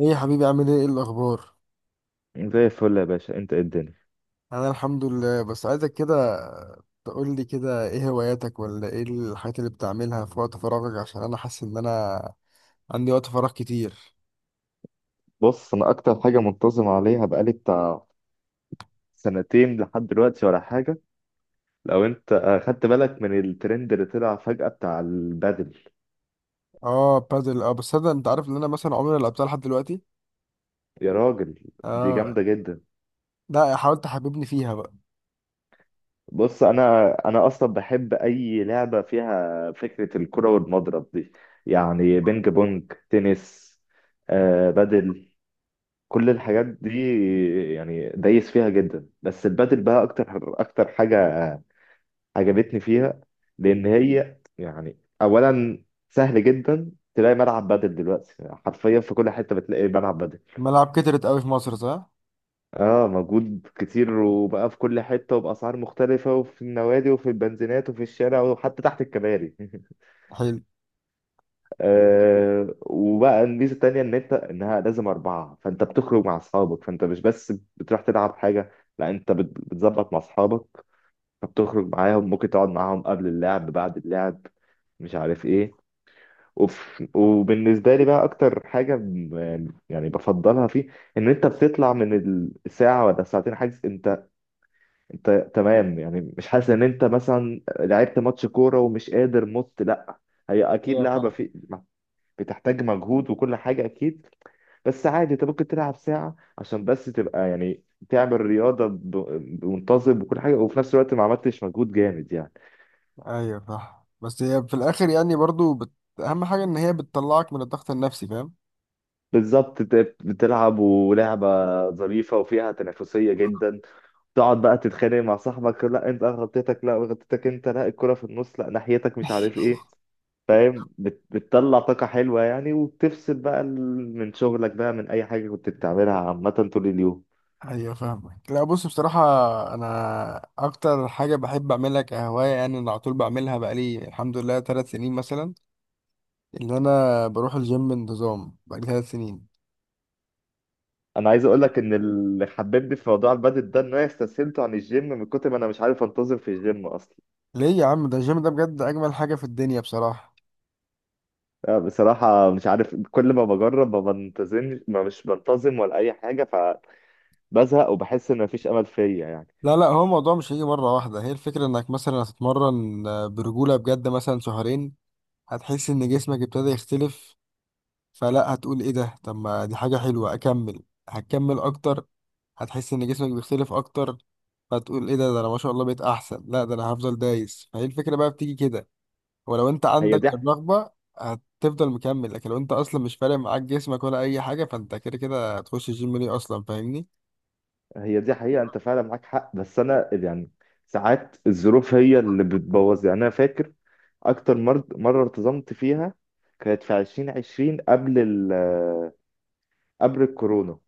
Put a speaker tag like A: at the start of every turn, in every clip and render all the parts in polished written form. A: ايه يا حبيبي، عامل ايه؟ ايه الاخبار؟
B: زي الفل يا باشا، انت ايه الدنيا؟
A: انا الحمد لله. بس عايزك كده تقول لي كده ايه هواياتك، ولا ايه الحاجات اللي بتعملها في وقت فراغك، عشان انا حاسس ان انا عندي وقت فراغ كتير.
B: بص، انا اكتر حاجه منتظم عليها بقالي بتاع سنتين لحد دلوقتي ولا حاجه. لو انت خدت بالك من الترند اللي طلع فجاه بتاع البادل.
A: اه، بادل. اه بس انا، انت عارف ان انا مثلا عمري ما لعبتها لحد دلوقتي.
B: يا راجل، دي
A: اه.
B: جامده جدا.
A: لا، حاولت تحببني فيها بقى.
B: بص، انا اصلا بحب اي لعبه فيها فكره الكره والمضرب دي، يعني بينج بونج، تنس، بادل، كل الحاجات دي. يعني دايس فيها جدا بس البادل بقى اكتر. اكتر حاجه عجبتني فيها لان هي يعني اولا سهل جدا تلاقي ملعب بدل دلوقتي. حرفيا في كل حته بتلاقي ملعب بدل.
A: الملاعب كترت قوي في مصر، صح؟
B: اه، موجود كتير وبقى في كل حته وباسعار مختلفه، وفي النوادي وفي البنزينات وفي الشارع وحتى تحت الكباري.
A: حلو.
B: وبقى الميزه التانيه ان انت انها لازم اربعه، فانت بتخرج مع اصحابك، فانت مش بس بتروح تلعب حاجه، لا انت بتظبط مع اصحابك، فبتخرج معاهم، ممكن تقعد معاهم قبل اللعب بعد اللعب، مش عارف ايه. اوف. وبالنسبه لي بقى اكتر حاجه يعني بفضلها فيه ان انت بتطلع من الساعه ولا ساعتين حاجز انت تمام، يعني مش حاسس ان انت مثلا لعبت ماتش كوره ومش قادر مت، لا. هي اكيد
A: هي
B: لعبه
A: فعلا.
B: في بتحتاج مجهود وكل حاجه اكيد، بس عادي انت ممكن تلعب ساعه عشان بس تبقى يعني تعمل رياضه بمنتظم وكل حاجه، وفي نفس الوقت ما عملتش مجهود جامد يعني.
A: ايوه صح. بس هي في الاخر يعني برضو اهم حاجة ان هي بتطلعك من الضغط النفسي، فاهم؟
B: بالظبط، انت بتلعب ولعبه ظريفه وفيها تنافسيه جدا، تقعد بقى تتخانق مع صاحبك، لا انت غلطتك، لا غلطتك انت، لا الكرة في النص، لا ناحيتك، مش عارف ايه. فاهم؟ بتطلع طاقة حلوة يعني، وبتفصل بقى من شغلك بقى، من اي حاجة كنت بتعملها عامة طول اليوم.
A: ايوه فاهمك. لا بص، بصراحة انا اكتر حاجة بحب اعملها كهواية، يعني انا على طول بعملها بقالي الحمد لله 3 سنين مثلا، اللي انا بروح الجيم بانتظام بقالي 3 سنين.
B: انا عايز اقول لك ان اللي حببني في موضوع البادل ده ان انا استسهلته عن الجيم من كتر ما انا مش عارف انتظم في الجيم اصلا.
A: ليه يا عم؟ ده الجيم ده بجد اجمل حاجة في الدنيا بصراحة.
B: لا، بصراحة مش عارف كل ما بجرب ما بنتظمش، ما مش بنتظم ولا اي حاجة، فبزهق وبحس ان مفيش امل فيا يعني.
A: لا لا، هو الموضوع مش هيجي مرة واحدة. هي الفكرة انك مثلا هتتمرن برجولة بجد مثلا شهرين، هتحس ان جسمك ابتدى يختلف. فلا، هتقول ايه ده، طب ما دي حاجة حلوة، اكمل. هتكمل اكتر، هتحس ان جسمك بيختلف اكتر، فتقول ايه ده انا ما شاء الله بقيت احسن، لا ده انا هفضل دايس. فهي الفكرة بقى بتيجي كده. ولو انت
B: هي
A: عندك
B: دي.
A: الرغبة هتفضل مكمل، لكن لو انت اصلا مش فارق معاك جسمك ولا اي حاجة فانت كده كده هتخش الجيم ليه اصلا، فاهمني؟
B: هي دي حقيقة، انت فعلا معاك حق بس انا يعني ساعات الظروف هي اللي بتبوظ يعني. انا فاكر اكتر مرة ارتزمت فيها كانت في 2020، قبل قبل الكورونا،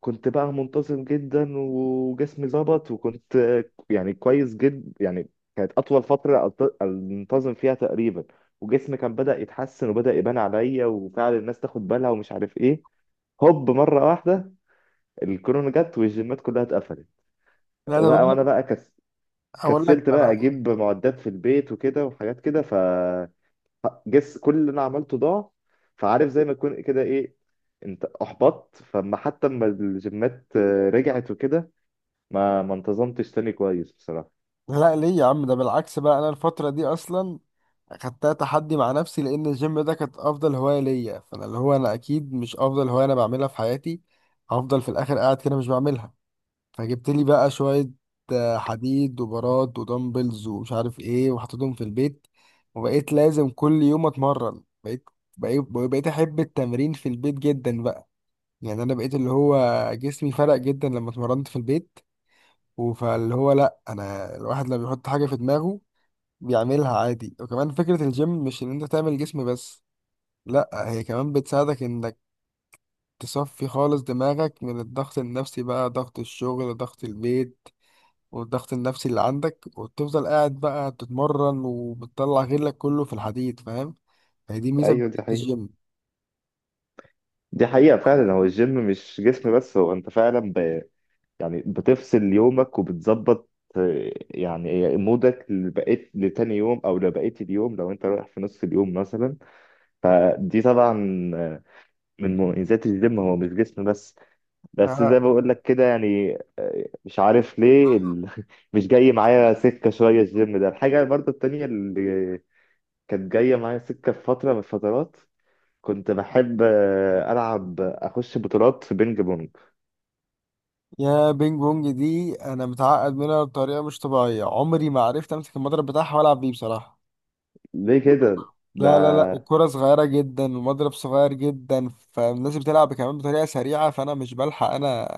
B: كنت بقى منتظم جدا وجسمي ظبط، وكنت يعني كويس جدا يعني. كانت اطول فترة انتظم فيها تقريبا، وجسمي كان بدأ يتحسن وبدأ يبان عليا، وفعلا الناس تاخد بالها ومش عارف ايه. هوب، مرة واحدة الكورونا جت والجيمات كلها اتقفلت.
A: لا انا
B: بقى
A: بقول
B: وانا
A: لك،
B: بقى
A: هقول لك.
B: كسلت بقى اجيب معدات في البيت وكده وحاجات كده، فجس كل اللي انا عملته ضاع. فعارف زي ما تكون كده ايه، انت احبطت، فما حتى لما الجيمات رجعت وكده ما انتظمتش تاني كويس بصراحة.
A: لا ليه يا عم؟ ده بالعكس بقى، انا الفترة دي اصلا خدتها تحدي مع نفسي، لان الجيم ده كانت افضل هواية ليا، فانا اللي هو انا اكيد مش افضل هواية انا بعملها في حياتي هفضل في الاخر قاعد كده مش بعملها. فجبت لي بقى شوية حديد وبارات ودمبلز ومش عارف ايه، وحطيتهم في البيت، وبقيت لازم كل يوم اتمرن. بقيت احب التمرين في البيت جدا بقى، يعني انا بقيت اللي هو جسمي فرق جدا لما اتمرنت في البيت. وفاللي هو لا، انا الواحد لما بيحط حاجة في دماغه بيعملها عادي. وكمان فكرة الجيم مش ان انت تعمل جسم بس، لا هي كمان بتساعدك انك تصفي خالص دماغك من الضغط النفسي بقى، ضغط الشغل، ضغط البيت، والضغط النفسي اللي عندك، وتفضل قاعد بقى تتمرن وبتطلع غلك كله في الحديد، فاهم؟ هي دي ميزة
B: ايوه
A: بتاعت
B: دي حقيقة.
A: الجيم.
B: دي حقيقة فعلا، هو الجيم مش جسم بس، هو انت فعلا يعني بتفصل يومك وبتظبط. يعني مودك لبقيت لتاني يوم او لبقيت اليوم لو انت رايح في نص اليوم مثلا. فدي طبعا من مميزات الجيم، هو مش جسم بس. بس زي
A: آه.
B: ما بقول لك كده يعني مش عارف ليه مش جاي معايا سكة شوية الجيم ده. الحاجة برضو التانية اللي كانت جاية معايا سكة في فترة من الفترات كنت بحب أخش بطولات في بينج بونج.
A: يا بينج بونج دي انا متعقد منها بطريقة مش طبيعية، عمري ما عرفت امسك المضرب بتاعها والعب بيه بصراحة.
B: ليه كده ده؟
A: لا لا لا، الكرة صغيرة جدا، المضرب صغير جدا، فالناس بتلعب كمان بطريقة سريعة، فأنا مش بلحق. أنا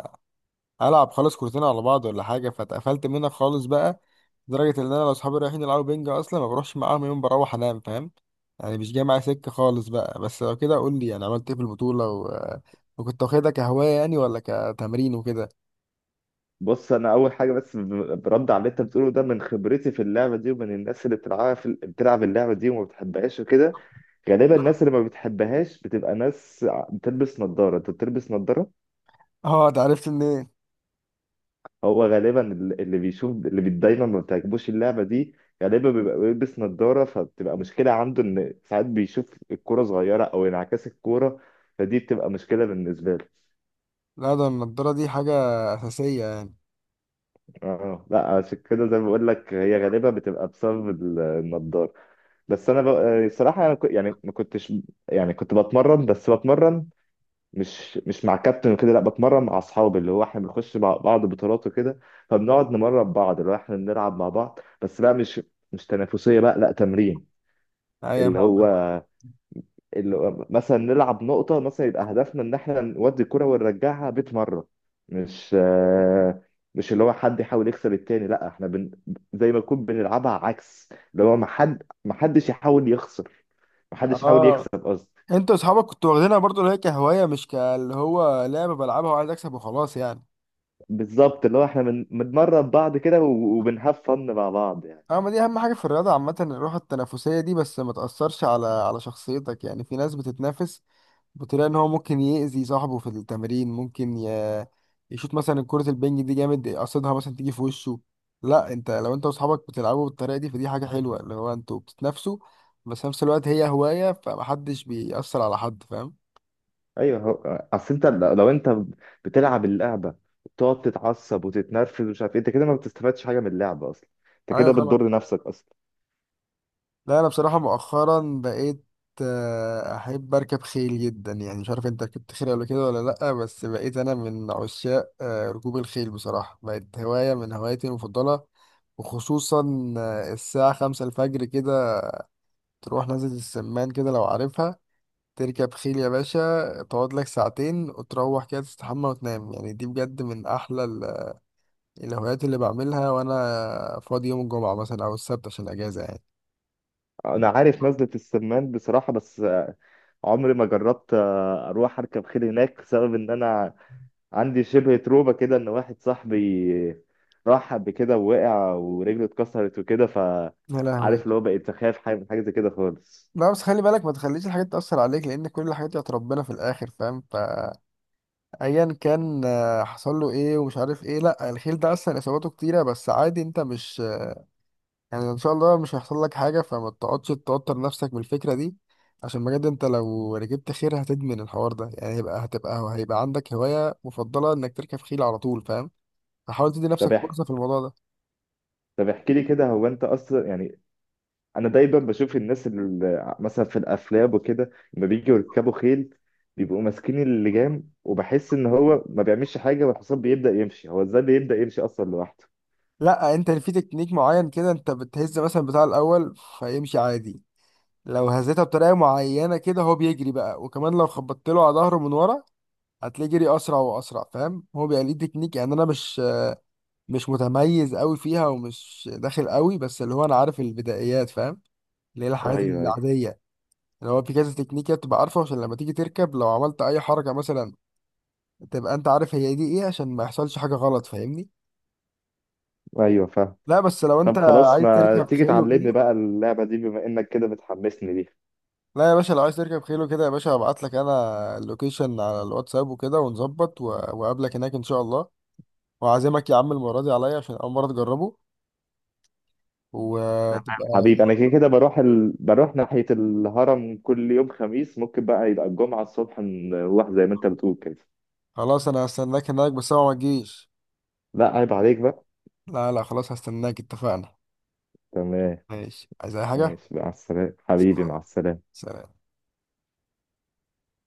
A: ألعب خالص كورتين على بعض ولا حاجة، فاتقفلت منها خالص بقى، لدرجة إن أنا لو صحابي رايحين يلعبوا بينج أصلا ما بروحش معاهم، يوم بروح أنام، فاهم؟ يعني مش جاي معايا سكة خالص بقى. بس لو كده قول لي يعني عملت إيه في البطولة وكنت واخدها كهواية يعني ولا كتمرين وكده؟
B: بص، أنا أول حاجة بس برد على اللي أنت بتقوله ده من خبرتي في اللعبة دي ومن الناس اللي بتلعبها بتلعب اللعبة دي وما بتحبهاش وكده. غالبا الناس اللي ما بتحبهاش بتبقى ناس بتلبس نظارة. انت بتلبس نظارة.
A: أه، ده عرفت منين؟
B: هو غالبا اللي بيشوف، دايما ما بتعجبوش اللعبة دي، غالبا بيبقى بيلبس نظارة، فبتبقى مشكلة عنده ان ساعات بيشوف الكورة صغيرة او انعكاس الكورة، فدي بتبقى مشكلة بالنسبة له.
A: لا، ده النضارة دي حاجة أساسية يعني.
B: اه لا، عشان كده زي ما بقول لك هي غالبا بتبقى بسبب النضاره. بس انا صراحة انا يعني ما كنتش، يعني كنت بتمرن بس بتمرن، مش مع كابتن وكده، لا بتمرن مع اصحابي، اللي هو احنا بنخش مع بعض بطولات وكده، فبنقعد نمرن بعض. اللي هو احنا بنلعب مع بعض بس بقى مش تنافسيه بقى، لا تمرين.
A: أيوة
B: اللي
A: فاهم.
B: هو اللي هو مثلا نلعب نقطه مثلا، يبقى هدفنا ان احنا نودي الكره ونرجعها 100 مره. مش آه، مش اللي هو حد يحاول يكسب التاني، لا احنا زي ما نكون بنلعبها عكس، اللي هو ما حدش يحاول يخسر. ما حدش يحاول يكسب
A: اه،
B: قصدي.
A: انت واصحابك كنتوا واخدينها برضو اللي هي كهوايه، مش كاللي هو لعبه بلعبها وعايز اكسب وخلاص يعني.
B: بالظبط اللي هو احنا بنمرن بعض كده و- وبنهاف فن مع بعض يعني.
A: اما دي اهم حاجه في الرياضه عامه، الروح التنافسيه دي. بس ما تاثرش على على شخصيتك، يعني في ناس بتتنافس بتلاقي ان هو ممكن يأذي صاحبه في التمرين، ممكن يشوط مثلا كرة البنج دي جامد قصدها مثلا تيجي في وشه. لا انت لو انت واصحابك بتلعبوا بالطريقة دي فدي حاجة حلوة، اللي هو انتوا بتتنافسوا، بس في نفس الوقت هي هواية، فمحدش بيأثر على حد، فاهم؟
B: ايوه، هو اصل انت لو انت بتلعب اللعبه وبتقعد تتعصب وتتنرفز ومش عارف ايه، انت كده ما بتستفادش حاجه من اللعبه اصلا، انت
A: ايوه
B: كده
A: طبعا.
B: بتضر نفسك اصلا.
A: لا انا بصراحه مؤخرا بقيت احب اركب خيل جدا، يعني مش عارف انت ركبت خيل قبل كده ولا لا، بس بقيت انا من عشاق ركوب الخيل بصراحه، بقت هوايه من هواياتي المفضله، وخصوصا الساعه 5 الفجر كده تروح نازل السمان كده لو عارفها، تركب خيل يا باشا، تقعد لك ساعتين وتروح كده تستحمى وتنام، يعني دي بجد من احلى الهوايات اللي بعملها وانا فاضي يوم الجمعه مثلا او السبت عشان اجازه يعني.
B: انا عارف نزله السمان بصراحه، بس عمري ما جربت اروح اركب خيل هناك بسبب ان انا عندي شبه تروما كده ان واحد صاحبي راح قبل كده ووقع ورجله اتكسرت وكده ف
A: يا
B: عارف
A: لهوي.
B: اللي هو بقيت اخاف حاجه من حاجه زي كده خالص.
A: لا بس خلي بالك، ما تخليش الحاجات تأثر عليك، لأن كل الحاجات دي بتاعت ربنا في الآخر، فاهم؟ فأيا كان حصل له إيه ومش عارف إيه، لا الخيل ده أصلا إصاباته كتيرة، بس عادي، أنت مش يعني إن شاء الله مش هيحصل لك حاجة، فما تقعدش توتر نفسك من الفكرة دي، عشان بجد أنت لو ركبت خيل هتدمن الحوار ده، يعني هيبقى هتبقى هيبقى عندك هواية مفضلة إنك تركب خيل على طول، فاهم؟ فحاول تدي
B: طب
A: نفسك
B: احكي
A: فرصة في الموضوع ده.
B: طب احكي لي كده، هو انت اصلا يعني، انا دايما بشوف الناس اللي مثلا في الافلام وكده لما بيجوا يركبوا خيل بيبقوا ماسكين اللجام وبحس ان هو ما بيعملش حاجه والحصان بيبدا يمشي. هو ازاي بيبدا يمشي اصلا لوحده؟
A: لا أنت في تكنيك معين كده، أنت بتهز مثلا بتاع الأول فيمشي عادي، لو هزيتها بطريقه معينه كده هو بيجري بقى، وكمان لو خبطت له على ظهره من ورا هتلاقيه جري اسرع واسرع، فاهم؟ هو بيبقى ليه تكنيك يعني، انا مش متميز قوي فيها ومش داخل قوي، بس اللي هو انا عارف البدايات، فاهم؟ اللي هي الحاجات
B: ايوه، ايوه.
A: العاديه، اللي هو في كذا تكنيك تبقى عارفه عشان لما تيجي تركب لو عملت اي حركه مثلا تبقى انت عارف هي دي ايه، عشان ما يحصلش حاجه غلط، فاهمني؟
B: ايوه فاهم.
A: لا بس لو انت
B: طب خلاص،
A: عايز
B: ما
A: تركب
B: تيجي
A: حلو
B: تعلمني
A: كده،
B: بقى اللعبه دي بما انك كده بتحمسني ليها.
A: لا يا باشا لو عايز تركب خيل وكده يا باشا هبعت لك انا اللوكيشن على الواتساب وكده ونظبط واقابلك هناك ان شاء الله، وعازمك يا عم المره دي عليا عشان اول مره تجربه
B: تمام.
A: وتبقى.
B: حبيبي انا كده كده بروح بروح ناحيه الهرم كل يوم خميس، ممكن بقى يبقى الجمعه الصبح نروح زي ما انت بتقول كده.
A: خلاص انا هستناك هناك، بس هو ما تجيش.
B: لا عيب عليك بقى.
A: لا لا خلاص، هستناك، اتفقنا.
B: تمام.
A: ماشي، عايز اي حاجه؟
B: ماشي، مع السلامة حبيبي، مع السلامة.
A: سلام.